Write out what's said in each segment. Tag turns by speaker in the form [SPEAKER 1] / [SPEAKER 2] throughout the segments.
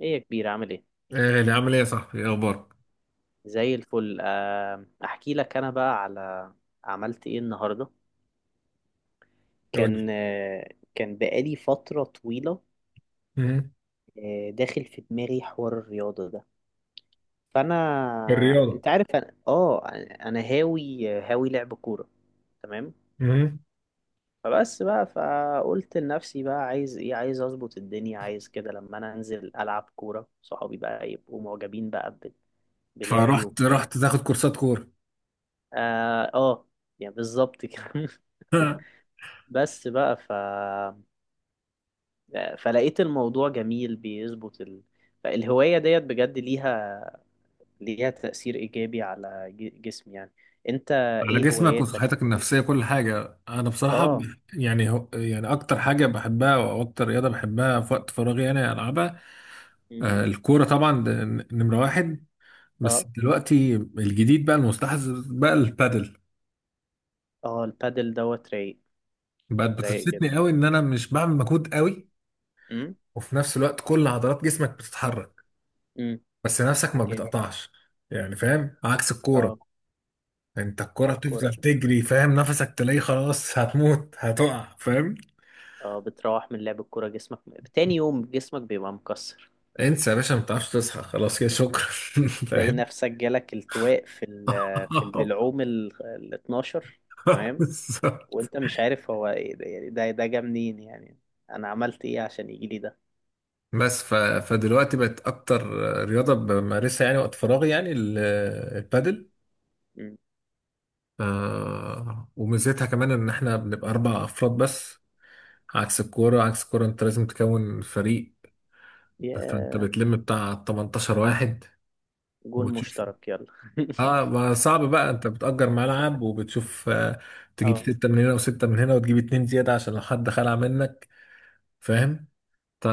[SPEAKER 1] ايه يا كبير، عامل ايه؟
[SPEAKER 2] ايه اللي عامل ايه يا صاحبي؟ ايه اخبارك؟
[SPEAKER 1] زي الفل. احكي لك، انا بقى عملت ايه النهارده.
[SPEAKER 2] قول لي
[SPEAKER 1] كان آه، كان بقالي فتره طويله
[SPEAKER 2] مهم.
[SPEAKER 1] داخل في دماغي حوار الرياضه ده. فانا
[SPEAKER 2] الرياضة
[SPEAKER 1] انت عارف، انا انا هاوي هاوي لعب كوره، تمام.
[SPEAKER 2] مهم.
[SPEAKER 1] فبس بقى، فقلت لنفسي بقى، عايز ايه؟ عايز اظبط الدنيا، عايز كده لما انا انزل العب كوره صحابي بقى يبقوا معجبين بقى بلعبي
[SPEAKER 2] فرحت
[SPEAKER 1] وبتاع.
[SPEAKER 2] رحت تاخد كورسات كوره.
[SPEAKER 1] اه آه، يعني بالظبط كده. بس بقى فلقيت الموضوع جميل، بيظبط الهواية ديت بجد، ليها تأثير إيجابي على جسمي يعني. أنت
[SPEAKER 2] على
[SPEAKER 1] إيه
[SPEAKER 2] جسمك
[SPEAKER 1] هواياتك؟
[SPEAKER 2] وصحتك النفسيه كل حاجه. انا بصراحه
[SPEAKER 1] آه.
[SPEAKER 2] هو يعني اكتر حاجه بحبها او اكتر رياضه بحبها في وقت فراغي انا العبها.
[SPEAKER 1] م?
[SPEAKER 2] الكوره طبعا ده نمره واحد. بس
[SPEAKER 1] آه.
[SPEAKER 2] دلوقتي الجديد بقى المستحدث بقى البادل
[SPEAKER 1] آه البادل دوت رايق،
[SPEAKER 2] بقت
[SPEAKER 1] رايق جدا.
[SPEAKER 2] بتبسطني قوي ان انا مش بعمل مجهود قوي،
[SPEAKER 1] م?
[SPEAKER 2] وفي نفس الوقت كل عضلات جسمك بتتحرك
[SPEAKER 1] م.
[SPEAKER 2] بس نفسك ما
[SPEAKER 1] جامد.
[SPEAKER 2] بتقطعش. يعني فاهم؟ عكس الكوره،
[SPEAKER 1] آه.
[SPEAKER 2] انت الكرة
[SPEAKER 1] آه
[SPEAKER 2] بتفضل
[SPEAKER 1] كورة.
[SPEAKER 2] تجري فاهم، نفسك تلاقيه خلاص هتموت هتقع فاهم.
[SPEAKER 1] آه بتروح من لعب الكورة جسمك، تاني يوم جسمك بيبقى مكسر.
[SPEAKER 2] انسى يا باشا، ما بتعرفش تصحى خلاص، يا شكرا.
[SPEAKER 1] تلاقي
[SPEAKER 2] فاهم.
[SPEAKER 1] نفسك جالك التواء في في البلعوم ال 12، تمام.
[SPEAKER 2] بالظبط.
[SPEAKER 1] وانت مش عارف هو ايه ده، يعني ده جه منين يعني، انا عملت ايه عشان يجي لي ده؟
[SPEAKER 2] فدلوقتي بقت اكتر رياضة بمارسها يعني وقت فراغي، يعني البادل.
[SPEAKER 1] مم.
[SPEAKER 2] آه، وميزتها كمان ان احنا بنبقى اربع افراد بس. عكس الكورة، عكس الكورة، انت لازم تكون فريق، فانت
[SPEAKER 1] يا
[SPEAKER 2] بتلم بتاع 18 واحد
[SPEAKER 1] جون
[SPEAKER 2] وتشوف.
[SPEAKER 1] مشترك يلا.
[SPEAKER 2] اه ما صعب بقى، انت بتأجر ملعب وبتشوف، تجيب
[SPEAKER 1] اه.
[SPEAKER 2] ستة من هنا وستة من هنا وتجيب اتنين زيادة عشان لو حد خلع منك. فاهم؟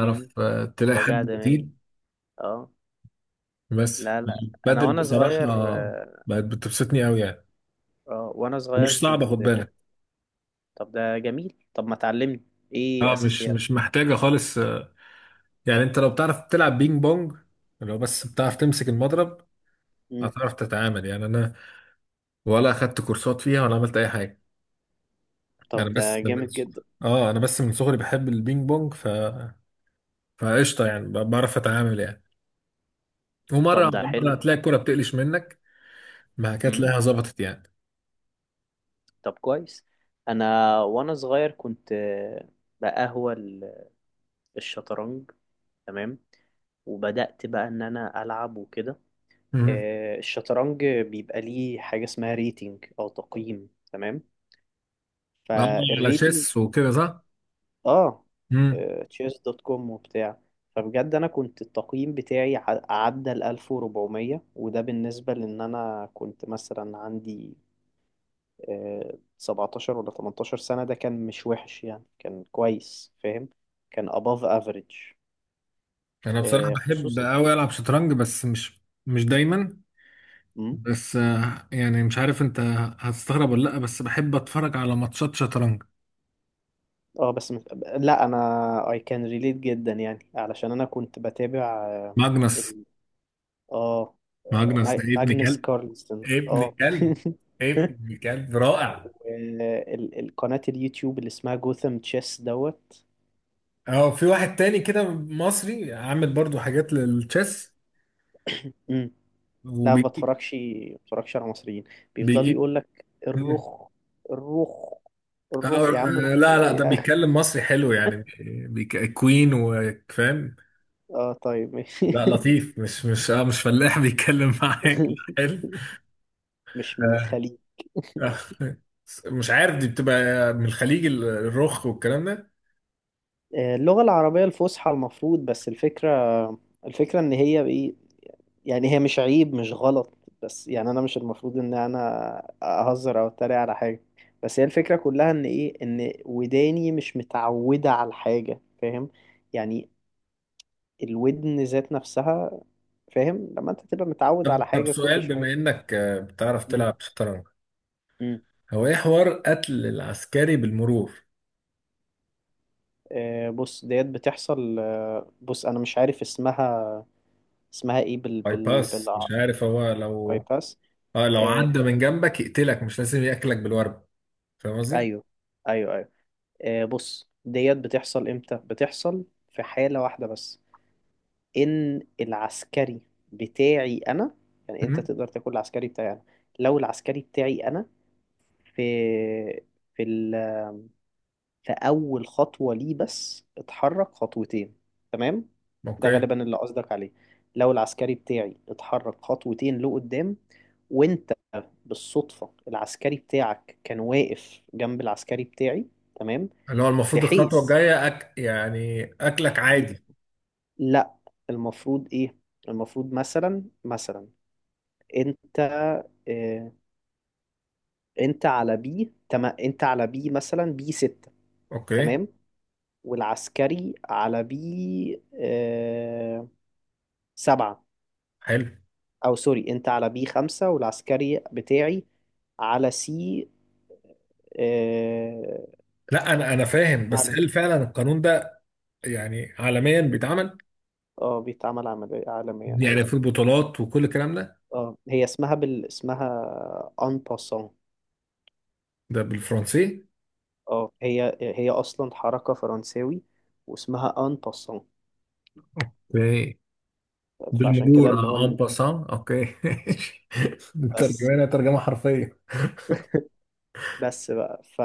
[SPEAKER 1] مم.
[SPEAKER 2] تلاقي حد
[SPEAKER 1] وجع دماغي.
[SPEAKER 2] بديل.
[SPEAKER 1] اه.
[SPEAKER 2] بس
[SPEAKER 1] لا لا، انا
[SPEAKER 2] بدل
[SPEAKER 1] وانا
[SPEAKER 2] بصراحة
[SPEAKER 1] صغير اه
[SPEAKER 2] بقت بتبسطني قوي يعني،
[SPEAKER 1] وانا صغير
[SPEAKER 2] ومش صعبة
[SPEAKER 1] كنت
[SPEAKER 2] خد بالك.
[SPEAKER 1] طب ده جميل، طب ما تعلمني ايه
[SPEAKER 2] اه مش
[SPEAKER 1] اساسيات.
[SPEAKER 2] مش محتاجة خالص، يعني انت لو بتعرف تلعب بينج بونج، لو بس بتعرف تمسك المضرب
[SPEAKER 1] مم.
[SPEAKER 2] هتعرف تتعامل. يعني انا ولا اخدت كورسات فيها ولا عملت اي حاجة. انا
[SPEAKER 1] طب ده
[SPEAKER 2] بس من،
[SPEAKER 1] جامد جدا.
[SPEAKER 2] اه انا بس من صغري بحب البينج بونج، فقشطه يعني، بعرف اتعامل يعني. ومره
[SPEAKER 1] طب ده
[SPEAKER 2] على مره
[SPEAKER 1] حلو.
[SPEAKER 2] هتلاقي الكوره بتقلش منك، ما كانت
[SPEAKER 1] مم.
[SPEAKER 2] تلاقيها ظبطت يعني.
[SPEAKER 1] طب كويس. انا وانا صغير كنت بقهوى الشطرنج، تمام. وبدأت بقى إن أنا ألعب وكده.
[SPEAKER 2] امم.
[SPEAKER 1] الشطرنج بيبقى ليه حاجة اسمها ريتنج أو تقييم، تمام.
[SPEAKER 2] بقعد على
[SPEAKER 1] فالريتنج
[SPEAKER 2] شيس وكده، صح.
[SPEAKER 1] آه
[SPEAKER 2] امم.
[SPEAKER 1] تشيس دوت كوم وبتاع. فبجد أنا كنت التقييم بتاعي عدى ال 1400، وده بالنسبة لأن أنا كنت مثلا عندي 17 ولا 18 سنة، ده كان مش وحش يعني، كان كويس فاهم. كان above average
[SPEAKER 2] انا بصراحه بحب
[SPEAKER 1] خصوصا.
[SPEAKER 2] قوي العب شطرنج، بس مش دايما. بس يعني مش عارف انت هتستغرب ولا لا، بس بحب اتفرج على ماتشات شطرنج.
[SPEAKER 1] اه بس مش... لا انا I can relate جدا يعني، علشان انا كنت بتابع
[SPEAKER 2] ماجنس.
[SPEAKER 1] ال... اه
[SPEAKER 2] ماجنس ده ابن
[SPEAKER 1] ماجنس
[SPEAKER 2] كلب،
[SPEAKER 1] كارلسن
[SPEAKER 2] ابن
[SPEAKER 1] اه.
[SPEAKER 2] كلب، ابن كلب رائع.
[SPEAKER 1] القناة اليوتيوب اللي اسمها جوثام تشيس دوت.
[SPEAKER 2] اه في واحد تاني كده مصري عامل برضو حاجات للتشيس
[SPEAKER 1] مم. لا
[SPEAKER 2] وبيجيب،
[SPEAKER 1] ما بتفرجش على مصريين. بيفضلوا
[SPEAKER 2] بيجيب.
[SPEAKER 1] يقول لك الرخ، الرخ، الرخ. يا عم رخ
[SPEAKER 2] لا لا، ده
[SPEAKER 1] ايه؟
[SPEAKER 2] بيتكلم مصري حلو يعني، مش كوين وفاهم.
[SPEAKER 1] اه طيب ماشي.
[SPEAKER 2] لا لطيف، مش فلاح بيتكلم معاك، لا حلو.
[SPEAKER 1] مش من
[SPEAKER 2] آه.
[SPEAKER 1] الخليج.
[SPEAKER 2] آه. مش عارف دي بتبقى من الخليج، الرخ والكلام ده.
[SPEAKER 1] اللغة العربية الفصحى المفروض. بس الفكرة ان هي ايه، يعني هي مش عيب مش غلط، بس يعني انا مش المفروض ان انا اهزر او اتريق على حاجة. بس هي الفكرة كلها ان ايه، ان وداني مش متعودة على الحاجة فاهم يعني. الودن ذات نفسها، فاهم لما انت تبقى متعود
[SPEAKER 2] طب
[SPEAKER 1] على
[SPEAKER 2] طب
[SPEAKER 1] حاجة
[SPEAKER 2] سؤال،
[SPEAKER 1] كل شوية.
[SPEAKER 2] بما انك بتعرف
[SPEAKER 1] مم.
[SPEAKER 2] تلعب شطرنج،
[SPEAKER 1] مم.
[SPEAKER 2] هو ايه حوار قتل العسكري بالمرور؟
[SPEAKER 1] آه بص ديت بتحصل. آه بص انا مش عارف اسمها، اسمها ايه
[SPEAKER 2] باي باس مش عارف. هو لو
[SPEAKER 1] بايباس.
[SPEAKER 2] اه لو عدى من جنبك يقتلك، مش لازم ياكلك بالورب. فاهم قصدي؟
[SPEAKER 1] ايوه، ايوه، ايوه. آه بص ديت بتحصل امتى؟ بتحصل في حالة واحدة بس، ان العسكري بتاعي انا، يعني انت
[SPEAKER 2] مم.
[SPEAKER 1] تقدر تاكل العسكري بتاعي انا لو العسكري بتاعي انا في في في اول خطوة ليه بس اتحرك خطوتين، تمام. ده
[SPEAKER 2] اوكي.
[SPEAKER 1] غالبا اللي قصدك عليه. لو العسكري بتاعي اتحرك خطوتين لقدام، وانت بالصدفة العسكري بتاعك كان واقف جنب العسكري بتاعي، تمام،
[SPEAKER 2] اللي هو المفروض الخطوة
[SPEAKER 1] بحيث
[SPEAKER 2] الجاية يعني أكلك عادي.
[SPEAKER 1] لا. المفروض ايه؟ المفروض مثلا، مثلا انت اه، انت على بي، تمام، انت على بي مثلا بي ستة،
[SPEAKER 2] أوكي.
[SPEAKER 1] تمام، والعسكري على بي اه سبعة.
[SPEAKER 2] حلو.
[SPEAKER 1] او سوري، انت على بي خمسة، والعسكري بتاعي على سي. اه
[SPEAKER 2] لا أنا فاهم، بس
[SPEAKER 1] عالمي.
[SPEAKER 2] هل فعلا القانون ده، يعني عالميا بيتعمل؟
[SPEAKER 1] اه بيتعمل عملية عالميا
[SPEAKER 2] يعني
[SPEAKER 1] عادي.
[SPEAKER 2] في البطولات وكل الكلام ده؟
[SPEAKER 1] اه هي اسمها اسمها ان باسون.
[SPEAKER 2] ده بالفرنسي؟
[SPEAKER 1] اه هي هي اصلا حركه فرنساوي، واسمها ان باسون.
[SPEAKER 2] اوكي.
[SPEAKER 1] فعشان كده
[SPEAKER 2] بالمرور،
[SPEAKER 1] اللي هو
[SPEAKER 2] اه، ان باسان. اوكي.
[SPEAKER 1] بس
[SPEAKER 2] ترجمة، ترجمة حرفية.
[SPEAKER 1] بس بقى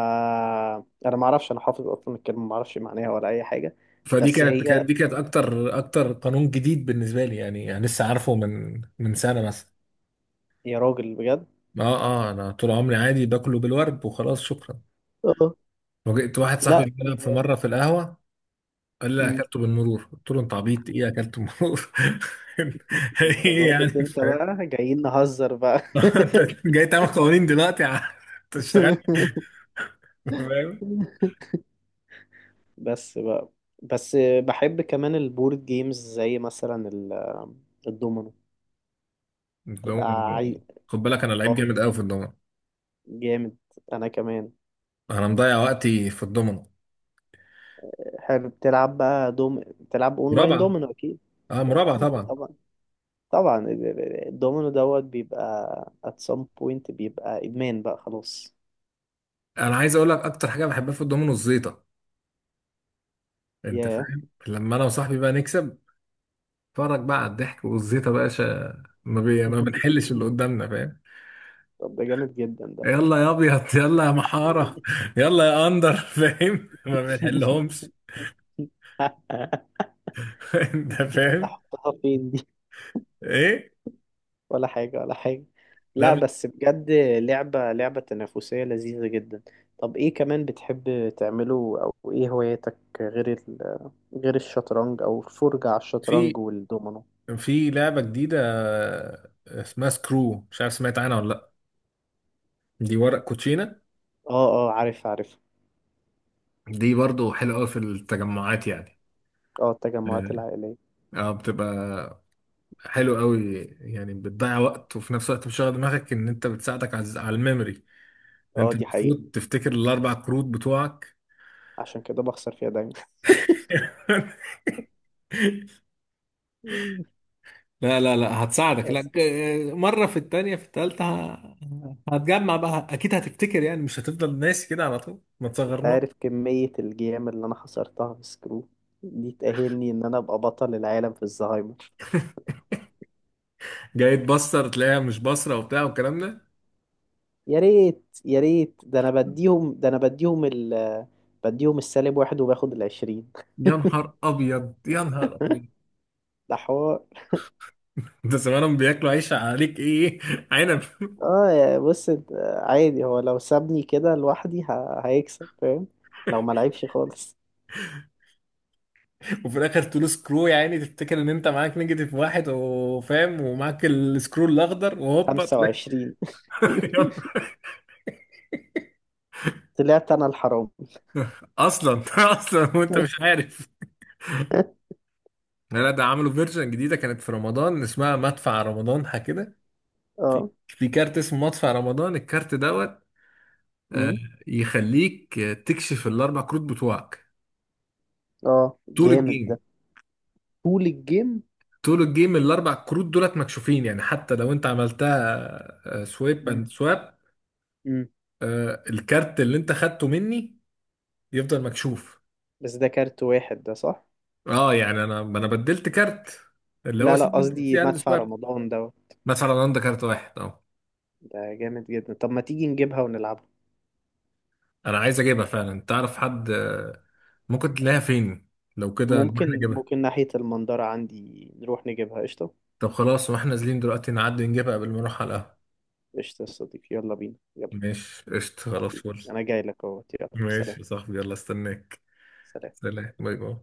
[SPEAKER 1] انا ما اعرفش، انا حافظ اصلا الكلمه ما اعرفش معناها ولا اي حاجه.
[SPEAKER 2] فدي
[SPEAKER 1] بس
[SPEAKER 2] كانت،
[SPEAKER 1] هي
[SPEAKER 2] كانت دي كانت اكتر اكتر قانون جديد بالنسبة لي يعني, لسه عارفه من سنة مثلا.
[SPEAKER 1] يا راجل بجد.
[SPEAKER 2] اه انا طول عمري عادي باكله بالورد وخلاص، شكرا.
[SPEAKER 1] اه
[SPEAKER 2] وجئت واحد
[SPEAKER 1] لا.
[SPEAKER 2] صاحبي بيلعب في مره في القهوه، قال لي
[SPEAKER 1] مم.
[SPEAKER 2] اكلته بالمرور، قلت له انت عبيط، ايه اكلته بالمرور؟
[SPEAKER 1] انت
[SPEAKER 2] ايه يعني
[SPEAKER 1] ظابط، انت
[SPEAKER 2] فاهم؟
[SPEAKER 1] بقى جايين نهزر بقى.
[SPEAKER 2] انت جاي تعمل قوانين دلوقتي يا عم؟ انت اشتغلت فاهم.
[SPEAKER 1] بس بقى بس بحب كمان البورد جيمز زي مثلا الدومينو. تبقى
[SPEAKER 2] الدومنة-
[SPEAKER 1] عي...
[SPEAKER 2] خد بالك انا لعيب
[SPEAKER 1] اه
[SPEAKER 2] جامد قوي في الضمنه.
[SPEAKER 1] جامد. انا كمان.
[SPEAKER 2] انا مضيع وقتي في الضمنه.
[SPEAKER 1] حلو، بتلعب بقى دوم، بتلعب اونلاين
[SPEAKER 2] مرابعه.
[SPEAKER 1] دومينو اكيد.
[SPEAKER 2] اه
[SPEAKER 1] ده
[SPEAKER 2] مرابعه
[SPEAKER 1] اكيد
[SPEAKER 2] طبعا.
[SPEAKER 1] طبعا. طبعا الدومينو دوت بيبقى at some point بيبقى ادمان بقى خلاص.
[SPEAKER 2] انا عايز اقول لك اكتر حاجه بحبها في الضمنه، الزيطه. انت
[SPEAKER 1] ياه.
[SPEAKER 2] فاهم؟ لما انا وصاحبي بقى نكسب، اتفرج بقى على الضحك والزيطه بقى، شا... ما, بي... ما بنحلش اللي قدامنا فاهم.
[SPEAKER 1] طب ده جامد جدا ده.
[SPEAKER 2] يلا يا ابيض، يلا يا محاره، يلا يا اندر فاهم. ما بنحلهمش. انت فاهم؟
[SPEAKER 1] احطها فين دي؟
[SPEAKER 2] ايه؟
[SPEAKER 1] ولا حاجة، ولا حاجة. لا
[SPEAKER 2] لا
[SPEAKER 1] بس بجد، لعبة تنافسية لذيذة جدا. طب ايه كمان بتحب تعمله، او ايه هواياتك غير غير الشطرنج او الفرجة على الشطرنج
[SPEAKER 2] في
[SPEAKER 1] والدومينو؟
[SPEAKER 2] لعبه جديده، اسمها سكرو، مش عارف سمعت عنها ولا لا؟ دي ورق كوتشينه.
[SPEAKER 1] اه، عارف.
[SPEAKER 2] دي برضو حلوه قوي في التجمعات يعني.
[SPEAKER 1] اه التجمعات
[SPEAKER 2] اه،
[SPEAKER 1] العائلية.
[SPEAKER 2] آه، بتبقى حلو قوي يعني. بتضيع وقت وفي نفس الوقت بتشغل دماغك ان انت، بتساعدك على الميموري، ان
[SPEAKER 1] اه
[SPEAKER 2] انت
[SPEAKER 1] دي حقيقة،
[SPEAKER 2] المفروض تفتكر الاربع كروت بتوعك.
[SPEAKER 1] عشان كده بخسر فيها دايما.
[SPEAKER 2] لا هتساعدك،
[SPEAKER 1] بس
[SPEAKER 2] لا، مرة في التانية في التالتة هتجمع بقى. أكيد هتفتكر يعني، مش هتفضل ناسي كده على طول، ما
[SPEAKER 1] انت
[SPEAKER 2] تصغرناش.
[SPEAKER 1] عارف كمية الجيام اللي انا خسرتها في سكرو، دي تأهلني ان انا ابقى بطل العالم في الزهايمر.
[SPEAKER 2] جاي تبصر تلاقيها مش بصرة وبتاع والكلام ده.
[SPEAKER 1] يا ريت يا ريت، ده انا بديهم ده انا بديهم ال بديهم السالب واحد وباخد العشرين.
[SPEAKER 2] يا نهار أبيض، يا نهار أبيض.
[SPEAKER 1] ده حوار.
[SPEAKER 2] أنت زمانهم بياكلوا عيش عليك، إيه عنب.
[SPEAKER 1] اه يا بص عادي، هو لو سابني كده لوحدي هيكسب فاهم، لو ما لعبش خالص.
[SPEAKER 2] وفي الآخر تقول سكرو يا عيني، تفتكر إن أنت معاك نيجاتيف واحد وفاهم، ومعاك السكرو الأخضر، وهوبا
[SPEAKER 1] خمسة
[SPEAKER 2] تلاقي.
[SPEAKER 1] وعشرين.
[SPEAKER 2] يا نهار.
[SPEAKER 1] طلعت انا الحرام.
[SPEAKER 2] أصلا أصلا وأنت مش عارف. لا ده عملوا فيرجن جديدة، كانت في رمضان، اسمها مدفع رمضان، حاجة كده. في كارت اسمه مدفع رمضان، الكارت دوت، آه،
[SPEAKER 1] اه.
[SPEAKER 2] يخليك، تكشف الأربع كروت بتوعك
[SPEAKER 1] اه
[SPEAKER 2] طول
[SPEAKER 1] جامد ده.
[SPEAKER 2] الجيم.
[SPEAKER 1] طول الجيم.
[SPEAKER 2] طول الجيم الأربع كروت دولت مكشوفين، يعني حتى لو أنت عملتها سويب
[SPEAKER 1] مم.
[SPEAKER 2] أند سواب،
[SPEAKER 1] امم.
[SPEAKER 2] الكارت اللي أنت خدته مني يفضل مكشوف.
[SPEAKER 1] بس ده كارت واحد ده صح؟
[SPEAKER 2] أه يعني أنا بدلت كارت، اللي هو
[SPEAKER 1] لا لا
[SPEAKER 2] سي،
[SPEAKER 1] قصدي
[SPEAKER 2] سي أند
[SPEAKER 1] مدفع
[SPEAKER 2] سواب.
[SPEAKER 1] رمضان ده.
[SPEAKER 2] مدفع رمضان ده كارت واحد أه.
[SPEAKER 1] ده جامد جدا، طب ما تيجي نجيبها ونلعبها.
[SPEAKER 2] انا عايز اجيبها فعلا. تعرف حد، ممكن تلاقيها فين؟ لو كده نروح
[SPEAKER 1] ممكن،
[SPEAKER 2] نجيبها.
[SPEAKER 1] ممكن ناحية المنظرة عندي نروح نجيبها، قشطة.
[SPEAKER 2] طب خلاص، واحنا نازلين دلوقتي نعدي نجيبها قبل ما نروح على القهوة.
[SPEAKER 1] قشطة يا صديقي، يلا بينا يلا.
[SPEAKER 2] ماشي، قشطة، خلاص،
[SPEAKER 1] حبيبي
[SPEAKER 2] فل.
[SPEAKER 1] أنا جاي لك أهوت، يلا سلام.
[SPEAKER 2] ماشي يا صاحبي، يلا استناك.
[SPEAKER 1] سلام.
[SPEAKER 2] سلام. باي باي.